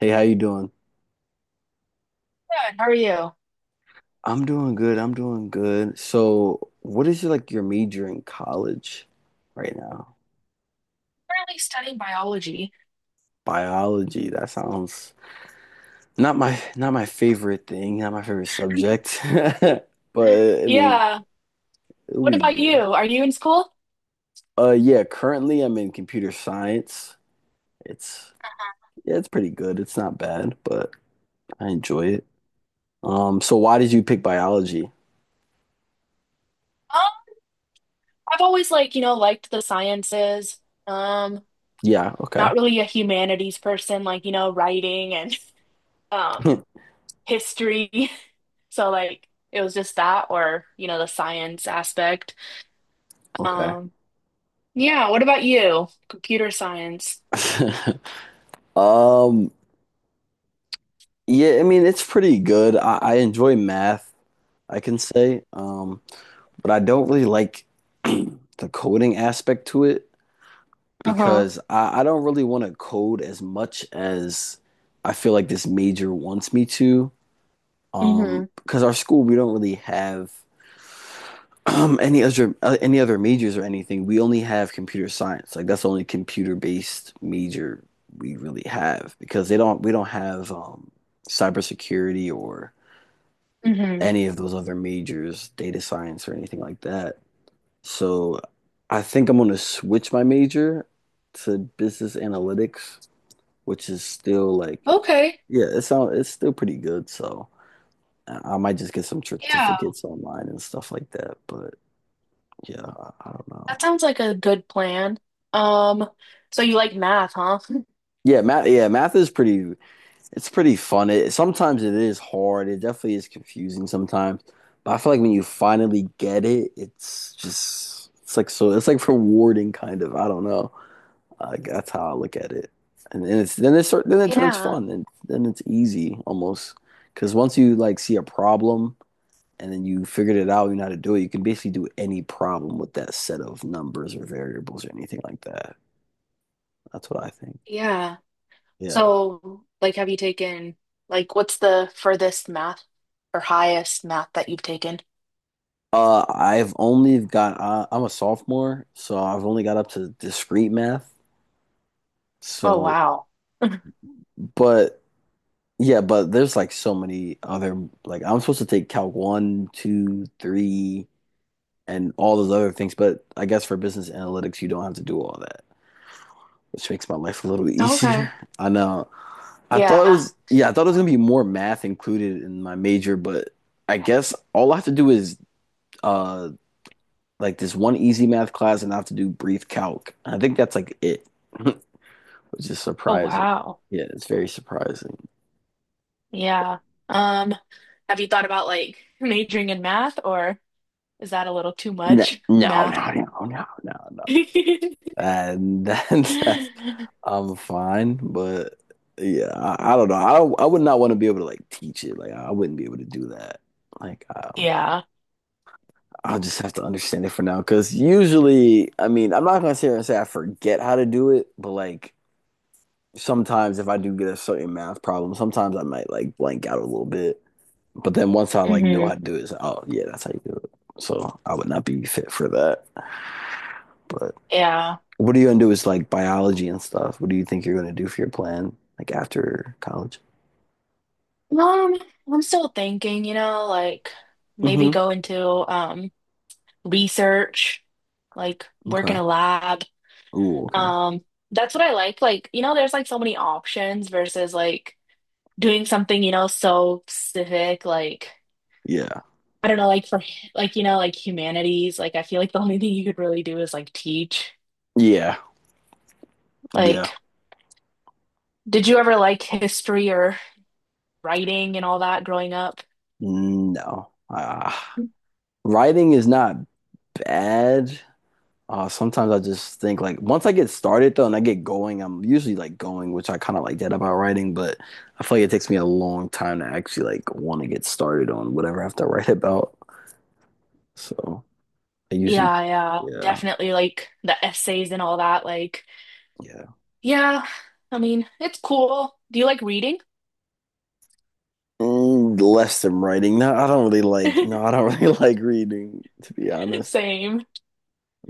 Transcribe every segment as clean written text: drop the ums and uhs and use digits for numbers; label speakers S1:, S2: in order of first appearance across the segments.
S1: Hey, how you doing?
S2: Good. How are you?
S1: I'm doing good. I'm doing good. So, what is like your major in college right now?
S2: Currently studying biology.
S1: Biology. That sounds not my favorite thing, not my favorite subject.
S2: Mhm.
S1: But I mean,
S2: Yeah.
S1: it'll
S2: What
S1: be
S2: about
S1: good.
S2: you? Are you in school?
S1: Yeah, currently I'm in computer science. It's yeah, it's pretty good. It's not bad, but I enjoy it. So why did you pick biology?
S2: Um, I've always liked the sciences. Um,
S1: Yeah, okay.
S2: Not really a humanities person, like, you know, writing and um history. So like it was just that or, you know, the science aspect.
S1: Okay.
S2: Um, yeah, what about you? Computer science.
S1: Um, Yeah, I mean it's pretty good. I enjoy math, I can say, but I don't really like the coding aspect to it
S2: Uh-huh.
S1: because I don't really want to code as much as I feel like this major wants me to.
S2: Mm-hmm.
S1: Because our school we don't really have any other majors or anything. We only have computer science. Like that's the only computer based major we really have because they don't we don't have cybersecurity or
S2: Mm-hmm.
S1: any of those other majors, data science or anything like that. So I think I'm going to switch my major to business analytics, which is still like,
S2: Okay.
S1: yeah, it's still pretty good. So I might just get some
S2: Yeah.
S1: certificates online and stuff like that. But yeah, I don't
S2: That
S1: know.
S2: sounds like a good plan. Um, so you like math, huh?
S1: Yeah, math. Yeah, math is pretty. It's pretty fun. It sometimes it is hard. It definitely is confusing sometimes. But I feel like when you finally get it, it's just it's like so it's like rewarding kind of. I don't know. Like that's how I look at it. And then it turns
S2: Yeah,
S1: fun and then it's easy almost. Because once you like see a problem and then you figured it out, you know how to do it, you can basically do any problem with that set of numbers or variables or anything like that. That's what I think.
S2: yeah.
S1: Yeah.
S2: So, like, have you taken, like, what's the furthest math or highest math that you've taken?
S1: I've only got I'm a sophomore, so I've only got up to discrete math.
S2: Oh,
S1: So,
S2: wow.
S1: but yeah, but there's like so many other like I'm supposed to take Calc one, two, three, and all those other things. But I guess for business analytics, you don't have to do all that, which makes my life a little
S2: Okay.
S1: easier. I know.
S2: Yeah.
S1: I thought it was gonna be more math included in my major, but I guess all I have to do is uh like this one easy math class and I have to do brief calc. And I think that's like it, which is
S2: Oh,
S1: surprising.
S2: wow.
S1: Yeah, it's very surprising.
S2: Yeah. Um, have you thought about like majoring in math or is that a little too
S1: No,
S2: much
S1: no,
S2: math?
S1: no, no, no, no, no. And I'm fine, but yeah, I don't know. I would not want to be able to like teach it. Like I wouldn't be able to do that. Like
S2: Yeah.
S1: I'll just have to understand it for now. Because usually, I mean, I'm not gonna sit here and say I forget how to do it, but like sometimes if I do get a certain math problem, sometimes I might like blank out a little bit. But then once I like know
S2: Hmm.
S1: how to do it, it's like, oh yeah, that's how you do it. So I would not be fit for that. But
S2: Yeah.
S1: what are you gonna do is like biology and stuff? What do you think you're gonna do for your plan like after college?
S2: Um, I'm still thinking, you know, like maybe
S1: Mm-hmm.
S2: go into research, like work in
S1: Okay.
S2: a lab.
S1: Ooh, okay.
S2: Um, that's what I like. Like, you know, there's like so many options versus like doing something, you know, so specific, like
S1: Yeah.
S2: I don't know, like for like, you know, like humanities, like I feel like the only thing you could really do is like teach.
S1: Yeah. Yeah.
S2: Like, did you ever like history or writing and all that growing up?
S1: No. Writing is not bad. Sometimes I just think like once I get started though and I get going, I'm usually like going, which I kind of like that about writing, but I feel like it takes me a long time to actually like want to get started on whatever I have to write about. So I usually,
S2: Yeah, yeah,
S1: yeah,
S2: definitely like the essays and all that. Like,
S1: yeah.
S2: yeah, I mean, it's cool. Do you like reading?
S1: Mm, less than writing. No, I don't really like, no, I don't really like reading, to be honest.
S2: Same,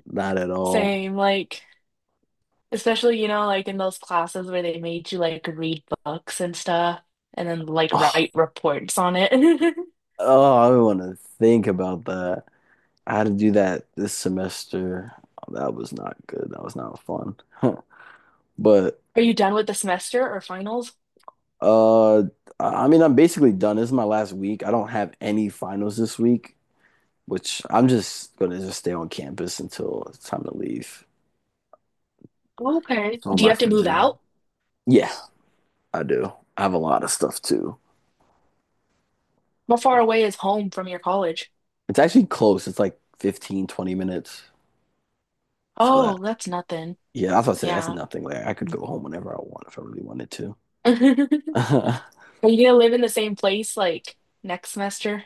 S1: Not at all.
S2: same. Like, especially, you know, like in those classes where they made you like read books and stuff and then like write reports on it.
S1: Oh, I want to think about that. I had to do that this semester. That was not good. That was not fun. But
S2: Are you done with the semester or finals?
S1: Uh, I I mean, I'm basically done. This is my last week. I don't have any finals this week, which I'm just gonna just stay on campus until it's time to leave.
S2: Okay.
S1: That's all
S2: Do you
S1: my
S2: have to
S1: friends
S2: move
S1: are doing.
S2: out?
S1: Yeah, I do. I have a lot of stuff too.
S2: How far away is home from your college?
S1: It's actually close. It's like 15, 20 minutes. So that,
S2: Oh, that's nothing.
S1: yeah, that's what I say. That's
S2: Yeah.
S1: nothing. Like I could go home whenever I want if I really wanted to.
S2: Are you gonna live in the same place like next semester?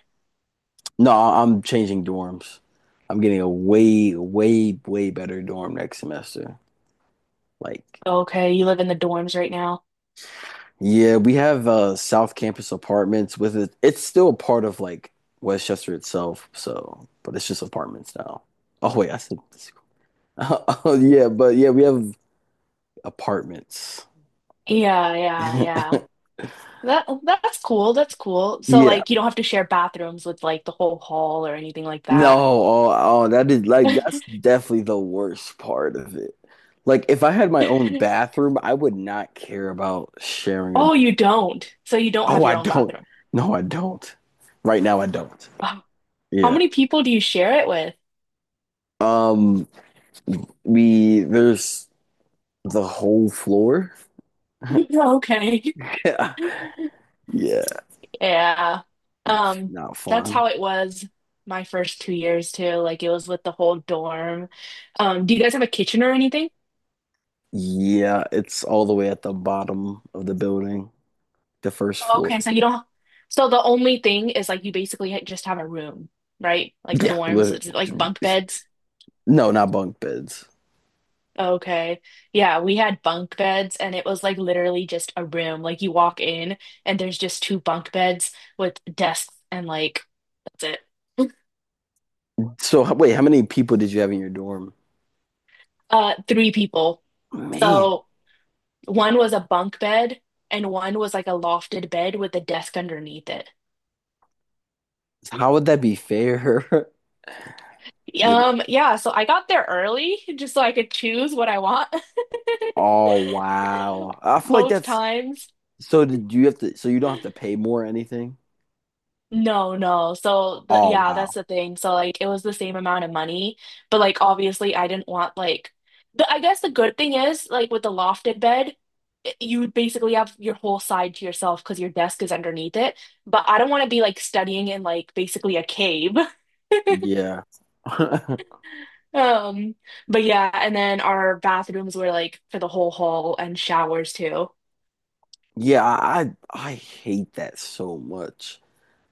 S1: No, I'm changing dorms. I'm getting a way, way, way better dorm next semester. Like
S2: Okay, you live in the dorms right now.
S1: yeah, we have South Campus apartments with it. It's still a part of like Westchester itself, so but it's just apartments now. Oh wait, I said this. We have apartments.
S2: Yeah, yeah, yeah. That's cool. That's cool. So
S1: Yeah.
S2: like you don't have to share bathrooms with like the whole hall or anything like
S1: No,
S2: that.
S1: that is like that's definitely the worst part of it. Like if I had my own bathroom, I would not care about sharing a
S2: Oh, you don't. So you don't
S1: Oh,
S2: have
S1: I
S2: your own
S1: don't.
S2: bathroom.
S1: No, I don't. Right now I don't.
S2: Oh. How
S1: Yeah.
S2: many people do you share it with?
S1: Um we there's The whole floor?
S2: Okay.
S1: Yeah. Yeah.
S2: Yeah. Um,
S1: Not
S2: that's
S1: fun.
S2: how it was my first 2 years too. Like it was with the whole dorm. Do you guys have a kitchen or anything?
S1: Yeah, it's all the way at the bottom of the building, the first
S2: Okay,
S1: floor.
S2: so you don't. So the only thing is like you basically just have a room, right? Like
S1: Yeah.
S2: dorms,
S1: lit-
S2: it's like bunk beds.
S1: No, not bunk beds.
S2: Okay. Yeah, we had bunk beds and it was like literally just a room. Like you walk in and there's just two bunk beds with desks and like that's it.
S1: So, wait, how many people did you have in your dorm?
S2: Three people.
S1: Man,
S2: So one was a bunk bed and one was like a lofted bed with a desk underneath it.
S1: how would that be fair? You know.
S2: Yeah, so I got there early just so I could choose what I want.
S1: Oh, wow. I feel like
S2: Both
S1: that's
S2: times.
S1: so did you have to so you don't have to pay more or anything?
S2: No, no. So the
S1: Oh,
S2: yeah, that's
S1: wow.
S2: the thing. So like it was the same amount of money, but like obviously I didn't want like the I guess the good thing is like with the lofted bed, you would basically have your whole side to yourself because your desk is underneath it. But I don't want to be like studying in like basically a cave.
S1: Yeah.
S2: Um, but yeah, and then our bathrooms were like for the whole hall and showers too.
S1: Yeah, I hate that so much.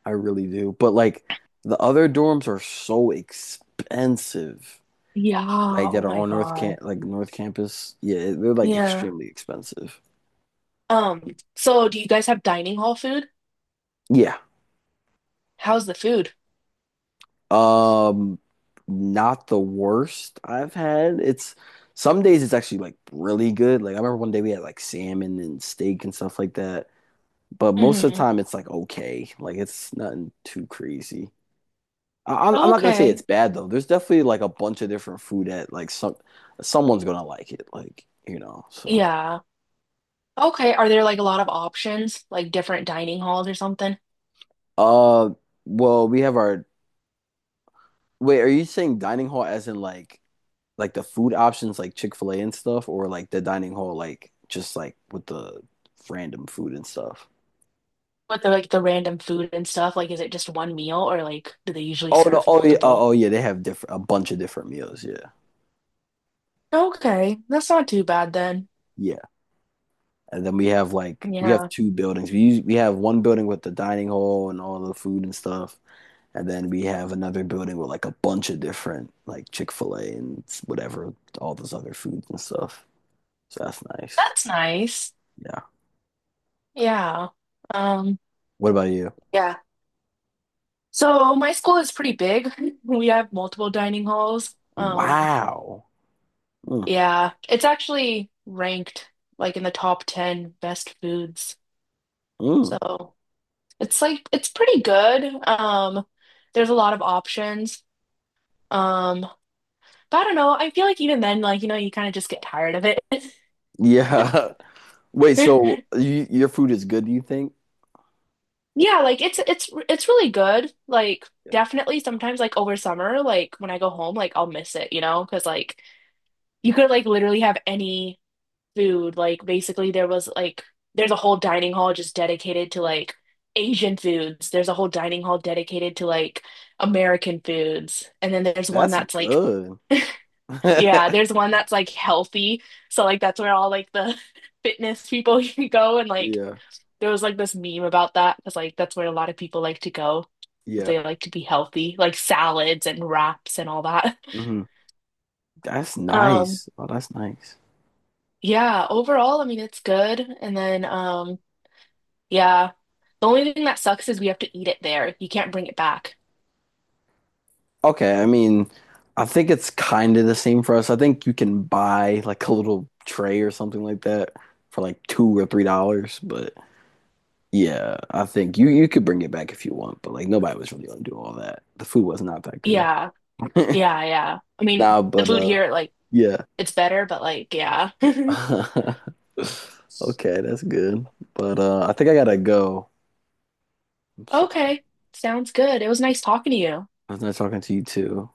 S1: I really do. But like the other dorms are so expensive.
S2: Yeah,
S1: Like
S2: oh
S1: that are
S2: my
S1: on North
S2: God.
S1: Camp like North Campus. Yeah, they're like
S2: Yeah.
S1: extremely expensive.
S2: So do you guys have dining hall food?
S1: Yeah.
S2: How's the food?
S1: Um not the worst I've had. It's some days it's actually like really good. Like I remember one day we had like salmon and steak and stuff like that. But most of the
S2: Hmm.
S1: time it's like okay. Like it's nothing too crazy. I'm not gonna say it's
S2: Okay.
S1: bad though. There's definitely like a bunch of different food that like someone's gonna like it, like you know. So,
S2: Yeah. Okay. Are there like a lot of options, like different dining halls or something?
S1: uh, well, we have our wait. Are you saying dining hall as in like the food options like Chick-fil-A and stuff, or like the dining hall like just like with the random food and stuff?
S2: With the like the random food and stuff, like is it just one meal or like do they usually
S1: Oh no!
S2: serve
S1: Oh yeah!
S2: multiple?
S1: Oh yeah! They have different a bunch of different meals. Yeah,
S2: Okay, that's not too bad then.
S1: yeah. And then we have
S2: Yeah.
S1: two buildings. We have one building with the dining hall and all the food and stuff. And then we have another building with like a bunch of different like Chick fil A and whatever, all those other foods and stuff. So that's nice.
S2: That's nice.
S1: Yeah.
S2: Yeah. Um,
S1: What about you?
S2: yeah. So my school is pretty big. We have multiple dining halls.
S1: Wow. Mm,
S2: Yeah, it's actually ranked like in the top 10 best foods.
S1: mm.
S2: So it's like it's pretty good. There's a lot of options. Um, but I don't know. I feel like even then, like, you know, you kind of just get tired of it.
S1: Yeah. Wait, so your food is good, do you think?
S2: Yeah, like it's really good. Like
S1: Yeah.
S2: definitely sometimes like over summer, like when I go home, like I'll miss it, you know, because like you could like literally have any food. Like basically there was like there's a whole dining hall just dedicated to like Asian foods. There's a whole dining hall dedicated to like American foods. And then there's one
S1: That's
S2: that's like
S1: good.
S2: yeah, there's one that's like healthy. So like that's where all like the fitness people can go and like
S1: Yeah.
S2: there was like this meme about that because like that's where a lot of people like to go because
S1: Yeah.
S2: they like to be healthy, like salads and wraps and all that.
S1: Hmm. That's
S2: Um
S1: nice. Oh, that's nice.
S2: yeah, overall, I mean it's good. And then yeah. The only thing that sucks is we have to eat it there. You can't bring it back.
S1: Okay, I mean, I think it's kind of the same for us. I think you can buy like a little tray or something like that for like $2 or $3. But yeah, I think you could bring it back if you want. But like nobody was really gonna do all that. The food was not that good.
S2: Yeah, yeah, yeah. I mean,
S1: Nah,
S2: the
S1: but
S2: food here, like,
S1: yeah.
S2: it's better, but like, yeah.
S1: Okay, that's good. But I think I gotta go. I'm sorry.
S2: Okay, sounds good. It was nice talking to you.
S1: I was not talking to you too.